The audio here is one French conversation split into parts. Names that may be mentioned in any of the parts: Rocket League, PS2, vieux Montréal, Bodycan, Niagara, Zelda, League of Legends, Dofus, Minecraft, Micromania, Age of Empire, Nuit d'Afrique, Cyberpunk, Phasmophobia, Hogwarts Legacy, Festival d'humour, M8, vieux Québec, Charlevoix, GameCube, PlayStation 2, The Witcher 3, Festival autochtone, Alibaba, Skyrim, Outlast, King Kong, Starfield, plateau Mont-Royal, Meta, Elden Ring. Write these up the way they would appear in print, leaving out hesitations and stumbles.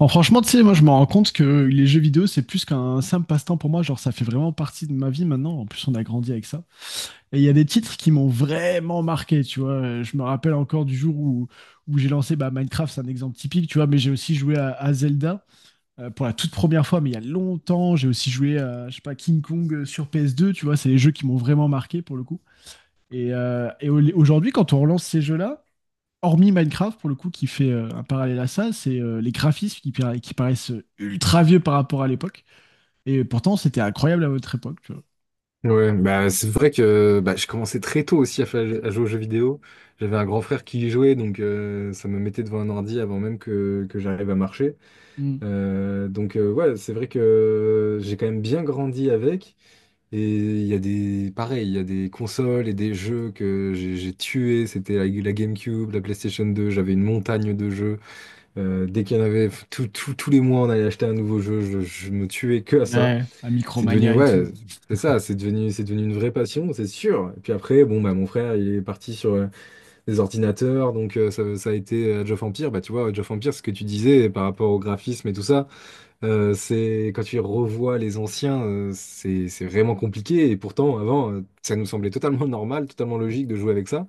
Bon, franchement, tu sais, moi, je me rends compte que les jeux vidéo, c'est plus qu'un simple passe-temps pour moi. Genre, ça fait vraiment partie de ma vie maintenant. En plus, on a grandi avec ça. Et il y a des titres qui m'ont vraiment marqué, tu vois. Je me rappelle encore du jour où j'ai lancé Minecraft. C'est un exemple typique, tu vois. Mais j'ai aussi joué à Zelda pour la toute première fois, mais il y a longtemps. J'ai aussi joué à, je sais pas, King Kong sur PS2, tu vois. C'est les jeux qui m'ont vraiment marqué pour le coup. Et aujourd'hui, quand on relance ces jeux-là, hormis Minecraft, pour le coup, qui fait un parallèle à ça, c'est les graphismes qui qui paraissent ultra vieux par rapport à l'époque. Et pourtant, c'était incroyable à votre époque, tu vois. Ouais, bah c'est vrai que bah, je commençais très tôt aussi à, à jouer aux jeux vidéo. J'avais un grand frère qui y jouait, donc ça me mettait devant un ordi avant même que j'arrive à marcher. Mm. Ouais, c'est vrai que j'ai quand même bien grandi avec. Et il y a des, pareil, il y a des consoles et des jeux que j'ai tués. C'était la GameCube, la PlayStation 2. J'avais une montagne de jeux. Dès qu'il y en avait, tous les mois, on allait acheter un nouveau jeu. Je me tuais que à ça. Ouais, à C'est devenu, Micromania et ouais, tout. c'est ça, c'est devenu une vraie passion, c'est sûr. Et puis après, bon, bah, mon frère, il est parti sur des ordinateurs, donc ça a été Age of Empire. Bah, tu vois, Age of Empire, ce que tu disais par rapport au graphisme et tout ça, c'est quand tu revois les anciens, c'est vraiment compliqué. Et pourtant, avant, ça nous semblait totalement normal, totalement logique de jouer avec ça.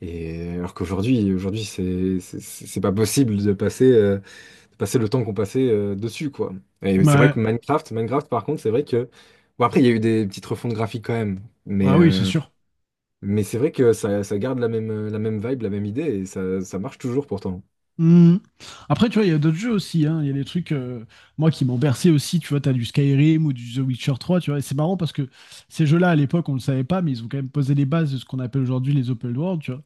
Alors qu'aujourd'hui, aujourd'hui, c'est pas possible de passer. C'est passé le temps qu'on passait dessus, quoi. Et c'est vrai Ouais, que Minecraft, Minecraft, par contre, c'est vrai que... Bon, après, il y a eu des petites refontes graphiques quand même, ouais mais, oui, c'est euh, sûr. mais c'est vrai que ça garde la même vibe, la même idée, et ça marche toujours pourtant. Mm. Après, tu vois, il y a d'autres jeux aussi, hein. Il y a des trucs, moi, qui m'ont bercé aussi. Tu vois, t'as du Skyrim ou du The Witcher 3, tu vois. Et c'est marrant parce que ces jeux-là, à l'époque, on ne le savait pas, mais ils ont quand même posé les bases de ce qu'on appelle aujourd'hui les open world, tu vois.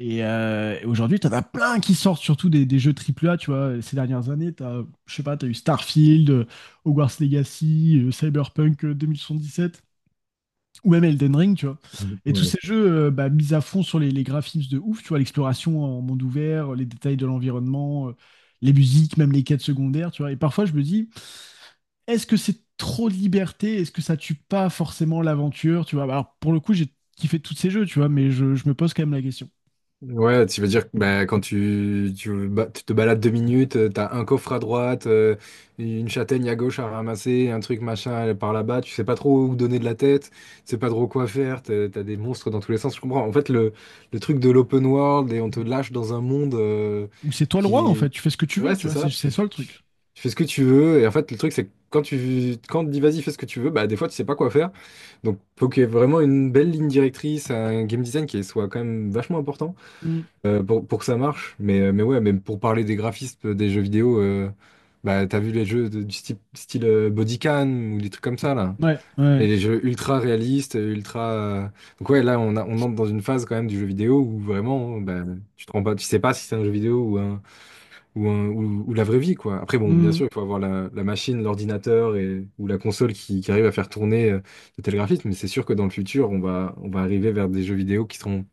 Et aujourd'hui, t'en as plein qui sortent, surtout des jeux triple A, tu vois, ces dernières années. T'as, je sais pas, t'as eu Starfield, Hogwarts Legacy, Cyberpunk sept ou même Elden Ring, tu vois. Et tous Voilà. ces jeux mis à fond sur les graphismes de ouf, tu vois, l'exploration en monde ouvert, les détails de l'environnement, les musiques, même les quêtes secondaires, tu vois. Et parfois, je me dis, est-ce que c'est trop de liberté? Est-ce que ça tue pas forcément l'aventure, tu vois? Alors, pour le coup, j'ai kiffé tous ces jeux, tu vois, mais je me pose quand même la question. Ouais, tu veux dire que bah, quand tu te balades deux minutes, t'as un coffre à droite, une châtaigne à gauche à ramasser, un truc machin par là-bas, tu sais pas trop où donner de la tête, tu sais pas trop quoi faire, t'as des monstres dans tous les sens, je comprends. En fait, le truc de l'open world et on te lâche dans un monde Où c'est toi le qui... roi en fait, est... tu fais ce que tu veux, Ouais, tu c'est vois, ça, c'est ça le truc. Tu fais ce que tu veux, et en fait, le truc, c'est que quand tu, quand on te dit vas-y, fais ce que tu veux, bah des fois, tu sais pas quoi faire. Donc, faut qu'il y ait vraiment une belle ligne directrice, un game design qui soit quand même vachement important Mm. Pour que ça marche. Mais ouais, même pour parler des graphismes des jeux vidéo, bah, t'as vu les jeux du style, style Bodycan ou des trucs comme ça, là. Ouais, ouais. Et les jeux ultra réalistes, ultra. Donc ouais, là, on entre dans une phase quand même du jeu vidéo où vraiment, bah, tu te rends pas, tu sais pas si c'est un jeu vidéo ou un, ou la vraie vie, quoi. Après, bon, bien Mm. sûr, il faut avoir la machine, l'ordinateur et, ou la console qui arrive à faire tourner de tels graphismes, mais c'est sûr que dans le futur, on va arriver vers des jeux vidéo qui seront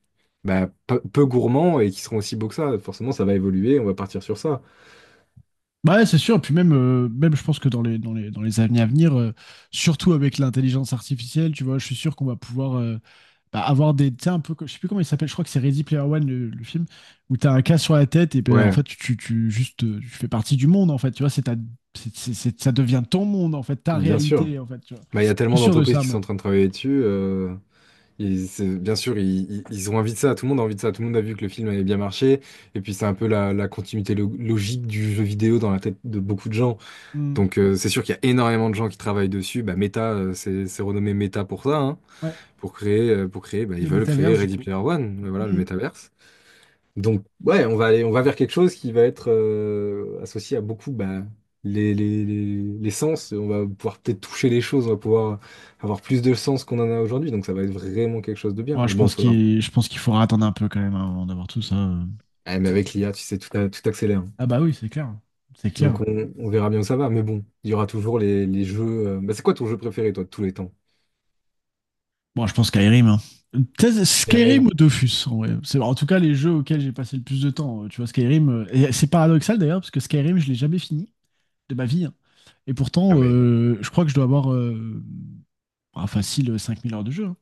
bah, peu gourmands et qui seront aussi beaux que ça. Forcément, ça va évoluer, on va partir sur ça. Bah ouais, c'est sûr. Et puis même, je pense que dans les années à venir, surtout avec l'intelligence artificielle, tu vois, je suis sûr qu'on va pouvoir avoir des, tu sais, un peu, je sais plus comment il s'appelle, je crois que c'est Ready Player One, le film, où t'as un cas sur la tête et ben en Ouais, fait, tu juste, tu fais partie du monde en fait, tu vois, c'est ta, c'est- ça devient ton monde en fait, ta bien sûr. réalité en fait, tu vois. Bah, il y a Je tellement suis sûr de d'entreprises ça, qui sont en moi. train de travailler dessus. Et bien sûr, ils ont envie de ça, tout le monde a envie de ça, tout le monde a vu que le film avait bien marché, et puis c'est un peu la, la continuité logique du jeu vidéo dans la tête de beaucoup de gens. Mm. C'est sûr qu'il y a énormément de gens qui travaillent dessus. Bah, Meta, c'est renommé Meta pour ça, hein. Ouais, Pour créer, pour créer, bah, ils le veulent créer métaverse du Ready coup. Player One, voilà le Mm. métaverse. Donc ouais, on va vers quelque chose qui va être associé à beaucoup bah, les sens. On va pouvoir peut-être toucher les choses, on va pouvoir avoir plus de sens qu'on en a aujourd'hui. Donc ça va être vraiment quelque chose de bien. Ouais, Mais bon, faudra. Je pense qu'il faudra attendre un peu quand même, hein, avant d'avoir tout ça. Ah, mais avec l'IA, tu sais, tout accélère. Ah bah oui, c'est clair. C'est clair. Donc on verra bien où ça va. Mais bon, il y aura toujours les jeux. Bah, c'est quoi ton jeu préféré, toi, de tous les temps? Bon, je pense Skyrim, hein. Peut-être Skyrim Il ou Dofus, en vrai. C'est en tout cas les jeux auxquels j'ai passé le plus de temps. Tu vois, Skyrim, et c'est paradoxal d'ailleurs, parce que Skyrim, je l'ai jamais fini de ma vie, hein. Et Ah, pourtant, mais je crois que je dois avoir facile 5 000 heures de jeu, hein.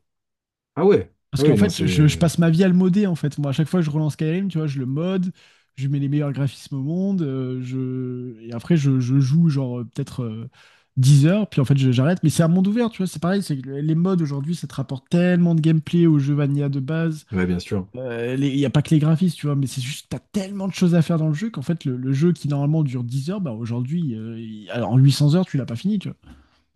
Ah ouais, Parce ah qu'en ouais, non, fait, je c'est. passe ma vie à le modder, en fait. Moi, à chaque fois que je relance Skyrim, tu vois, je le mode, je lui mets les meilleurs graphismes au monde, je... et après, je joue, genre, peut-être 10 heures, puis en fait, j'arrête. Mais c'est un monde ouvert, tu vois, c'est pareil, c'est que les mods, aujourd'hui, ça te rapporte tellement de gameplay au jeu vanilla de base. Ouais, bien sûr. Il n'y a pas que les graphismes, tu vois, mais c'est juste, t'as tellement de choses à faire dans le jeu qu'en fait, le jeu qui, normalement, dure 10 heures, bah, aujourd'hui, alors, en 800 heures, tu l'as pas fini, tu vois.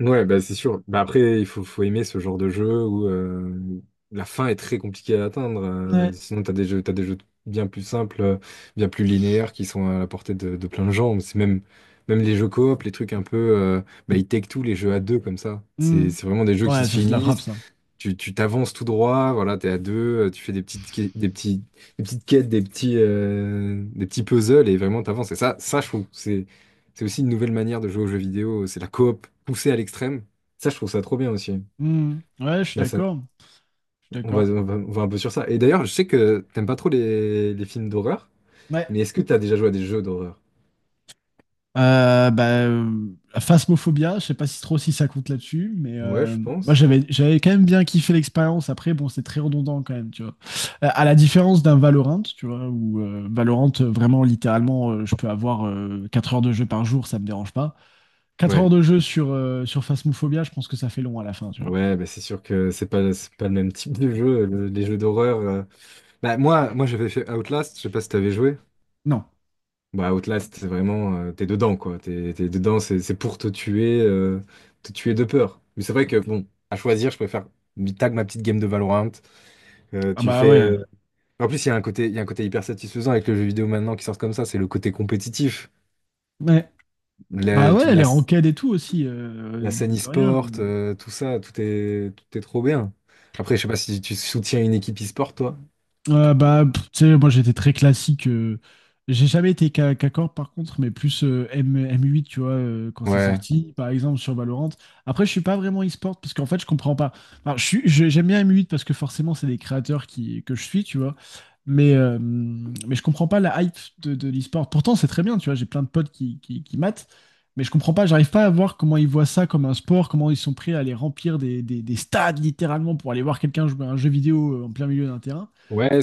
Ouais, bah c'est sûr. Bah après, faut aimer ce genre de jeu où la fin est très compliquée à atteindre. Ouais. Sinon, t'as des jeux bien plus simples, bien plus linéaires qui sont à la portée de plein de gens. C'est même, même les jeux coop, les trucs un peu. Bah, ils take tout, les jeux à deux comme ça. Mm. C'est vraiment des jeux qui Ouais, se ça, c'est de la frappe, finissent. ça. Tu t'avances tout droit, voilà, t'es à deux, tu fais des petites, des petites quêtes, des petits puzzles et vraiment t'avances. Et ça, je trouve, que c'est aussi une nouvelle manière de jouer aux jeux vidéo. C'est la coop poussée à l'extrême. Ça, je trouve ça trop bien aussi. Mm. Ouais, je suis Bah ça, d'accord. Je suis d'accord. On va un peu sur ça. Et d'ailleurs, je sais que t'aimes pas trop les films d'horreur, Ouais. mais est-ce que t'as déjà joué à des jeux d'horreur? Euh, bah, euh, Phasmophobia, je sais pas si trop si ça compte là-dessus, mais Ouais, je moi pense. j'avais quand même bien kiffé l'expérience. Après, bon, c'est très redondant quand même, tu vois. À la différence d'un Valorant, tu vois, où Valorant, vraiment, littéralement, je peux avoir 4 heures de jeu par jour, ça me dérange pas. Quatre Ouais, heures de jeu sur Phasmophobia, je pense que ça fait long à la fin, tu vois. ouais, bah c'est sûr que c'est pas le même type de jeu, les jeux d'horreur. Bah moi, moi j'avais fait Outlast, je sais pas si t'avais joué. Non. Bah, Outlast, c'est vraiment, t'es dedans, quoi. T'es dedans, c'est pour te tuer de peur. Mais c'est vrai que, bon, à choisir, je préfère tag ma petite game de Valorant. Ah Tu bah fais. ouais. En plus, il y a un côté hyper satisfaisant avec le jeu vidéo maintenant qui sort comme ça, c'est le côté compétitif. Ouais. Ah La, toute ouais, la, les ranked et tout aussi, la scène mine de rien. e-sport, tout ça, tout est trop bien. Après, je sais pas si tu soutiens une équipe e-sport, toi. Pff, tu sais, moi j'étais très classique. J'ai jamais été qu'à par contre, mais plus M8, tu vois, quand c'est Ouais. sorti, par exemple sur Valorant. Après, je suis pas vraiment e-sport parce qu'en fait, je comprends pas. Enfin, j'aime bien M8 parce que forcément, c'est des créateurs que je suis, tu vois. Mais je comprends pas la hype de l'e-sport. Pourtant, c'est très bien, tu vois, j'ai plein de potes qui matent, mais je comprends pas, j'arrive pas à voir comment ils voient ça comme un sport, comment ils sont prêts à aller remplir des stades littéralement pour aller voir quelqu'un jouer à un jeu vidéo en plein milieu d'un terrain. Ouais,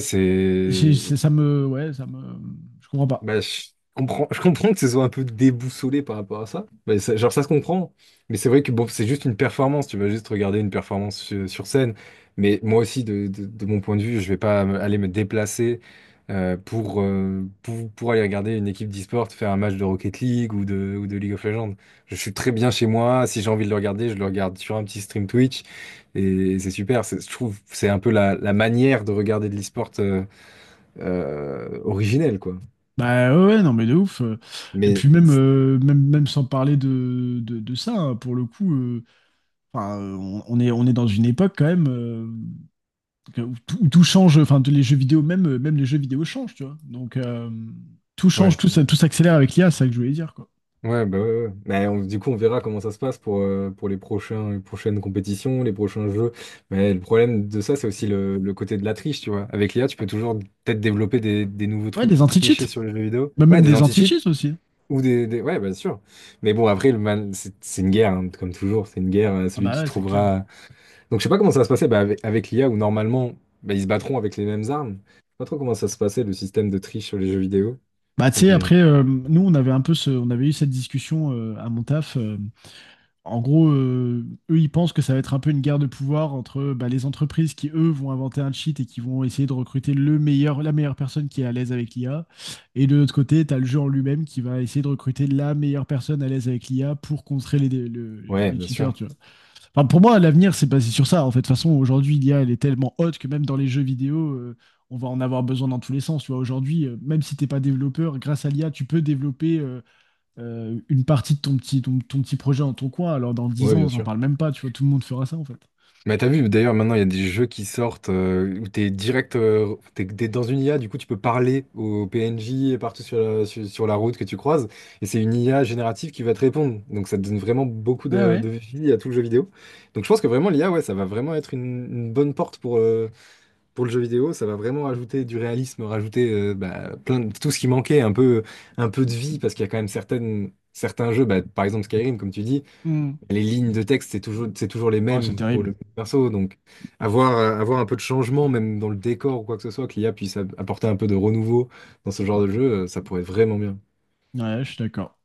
C'est. Ça me, ouais, je comprends pas. Bah, je comprends que ce soit un peu déboussolé par rapport à ça. Mais genre, ça se comprend. Mais c'est vrai que bon, c'est juste une performance. Tu vas juste regarder une performance sur, sur scène. Mais moi aussi, de mon point de vue, je vais pas aller me déplacer pour aller regarder une équipe d'e-sport faire un match de Rocket League ou de League of Legends. Je suis très bien chez moi. Si j'ai envie de le regarder, je le regarde sur un petit stream Twitch. Et c'est super. Je trouve que c'est un peu la, la manière de regarder de l'e-sport originelle, quoi. Bah ouais, ouais, non mais de ouf. Et Mais puis même, même sans parler de ça, hein, pour le coup, enfin, on est dans une époque quand même où tout change. Enfin, tous les jeux vidéo, même les jeux vidéo changent, tu vois. Donc tout change, Ouais, tout s'accélère avec l'IA, c'est ça que je voulais dire, quoi. ouais, bah ouais, ouais. Mais du coup, on verra comment ça se passe pour les prochains, les prochaines compétitions, les prochains jeux. Mais le problème de ça, c'est aussi le côté de la triche, tu vois. Avec l'IA, tu peux toujours peut-être développer des nouveaux Ouais, trucs des pour anti-cheats, tricher sur les jeux vidéo. même, Ouais, même des des anti-cheats anti-cheats aussi, hein. ou des, Ouais, bien sûr. Mais bon, après, le mal, c'est une guerre, hein, comme toujours. C'est une guerre, Ah celui bah qui ouais, c'est clair. trouvera... Donc, je sais pas comment ça va se passer bah, avec l'IA, où normalement, bah, ils se battront avec les mêmes armes. Je sais pas trop comment ça se passait, le système de triche sur les jeux vidéo. Bah tu Donc, sais, on- après, nous, on avait un peu, on avait eu cette discussion à mon taf. En gros, eux, ils pensent que ça va être un peu une guerre de pouvoir entre les entreprises qui, eux, vont inventer un cheat et qui vont essayer de recruter la meilleure personne qui est à l'aise avec l'IA. Et de l'autre côté, tu as le jeu en lui-même qui va essayer de recruter la meilleure personne à l'aise avec l'IA pour contrer Ouais, les bien sûr. cheaters, tu vois. Enfin, pour moi, l'avenir, c'est basé sur ça. En fait, de toute façon, aujourd'hui, l'IA, elle est tellement haute que même dans les jeux vidéo, on va en avoir besoin dans tous les sens. Tu vois, aujourd'hui, même si t'es pas développeur, grâce à l'IA, tu peux développer... une partie de ton petit projet en ton coin, alors dans dix Ouais, ans, bien j'en sûr. parle même pas, tu vois, tout le monde fera ça en fait. Mais t'as vu, d'ailleurs, maintenant, il y a des jeux qui sortent où t'es direct, t'es dans une IA, du coup, tu peux parler aux PNJ partout sur sur la route que tu croises, et c'est une IA générative qui va te répondre. Donc, ça donne vraiment beaucoup Ah ouais. de vie à tout le jeu vidéo. Donc, je pense que vraiment, l'IA, ouais, ça va vraiment être une bonne porte pour le jeu vidéo. Ça va vraiment rajouter du réalisme, rajouter bah, plein de, tout ce qui manquait, un peu de vie, parce qu'il y a quand même certaines, certains jeux, bah, par exemple Skyrim, comme tu dis Hmm. les lignes de texte, c'est toujours les Ah, c'est mêmes pour terrible. le perso. Donc, avoir, avoir un peu de changement, même dans le décor ou quoi que ce soit, que l'I a, puisse apporter un peu de renouveau dans ce genre de jeu, ça pourrait être vraiment bien. Ouais, je suis d'accord.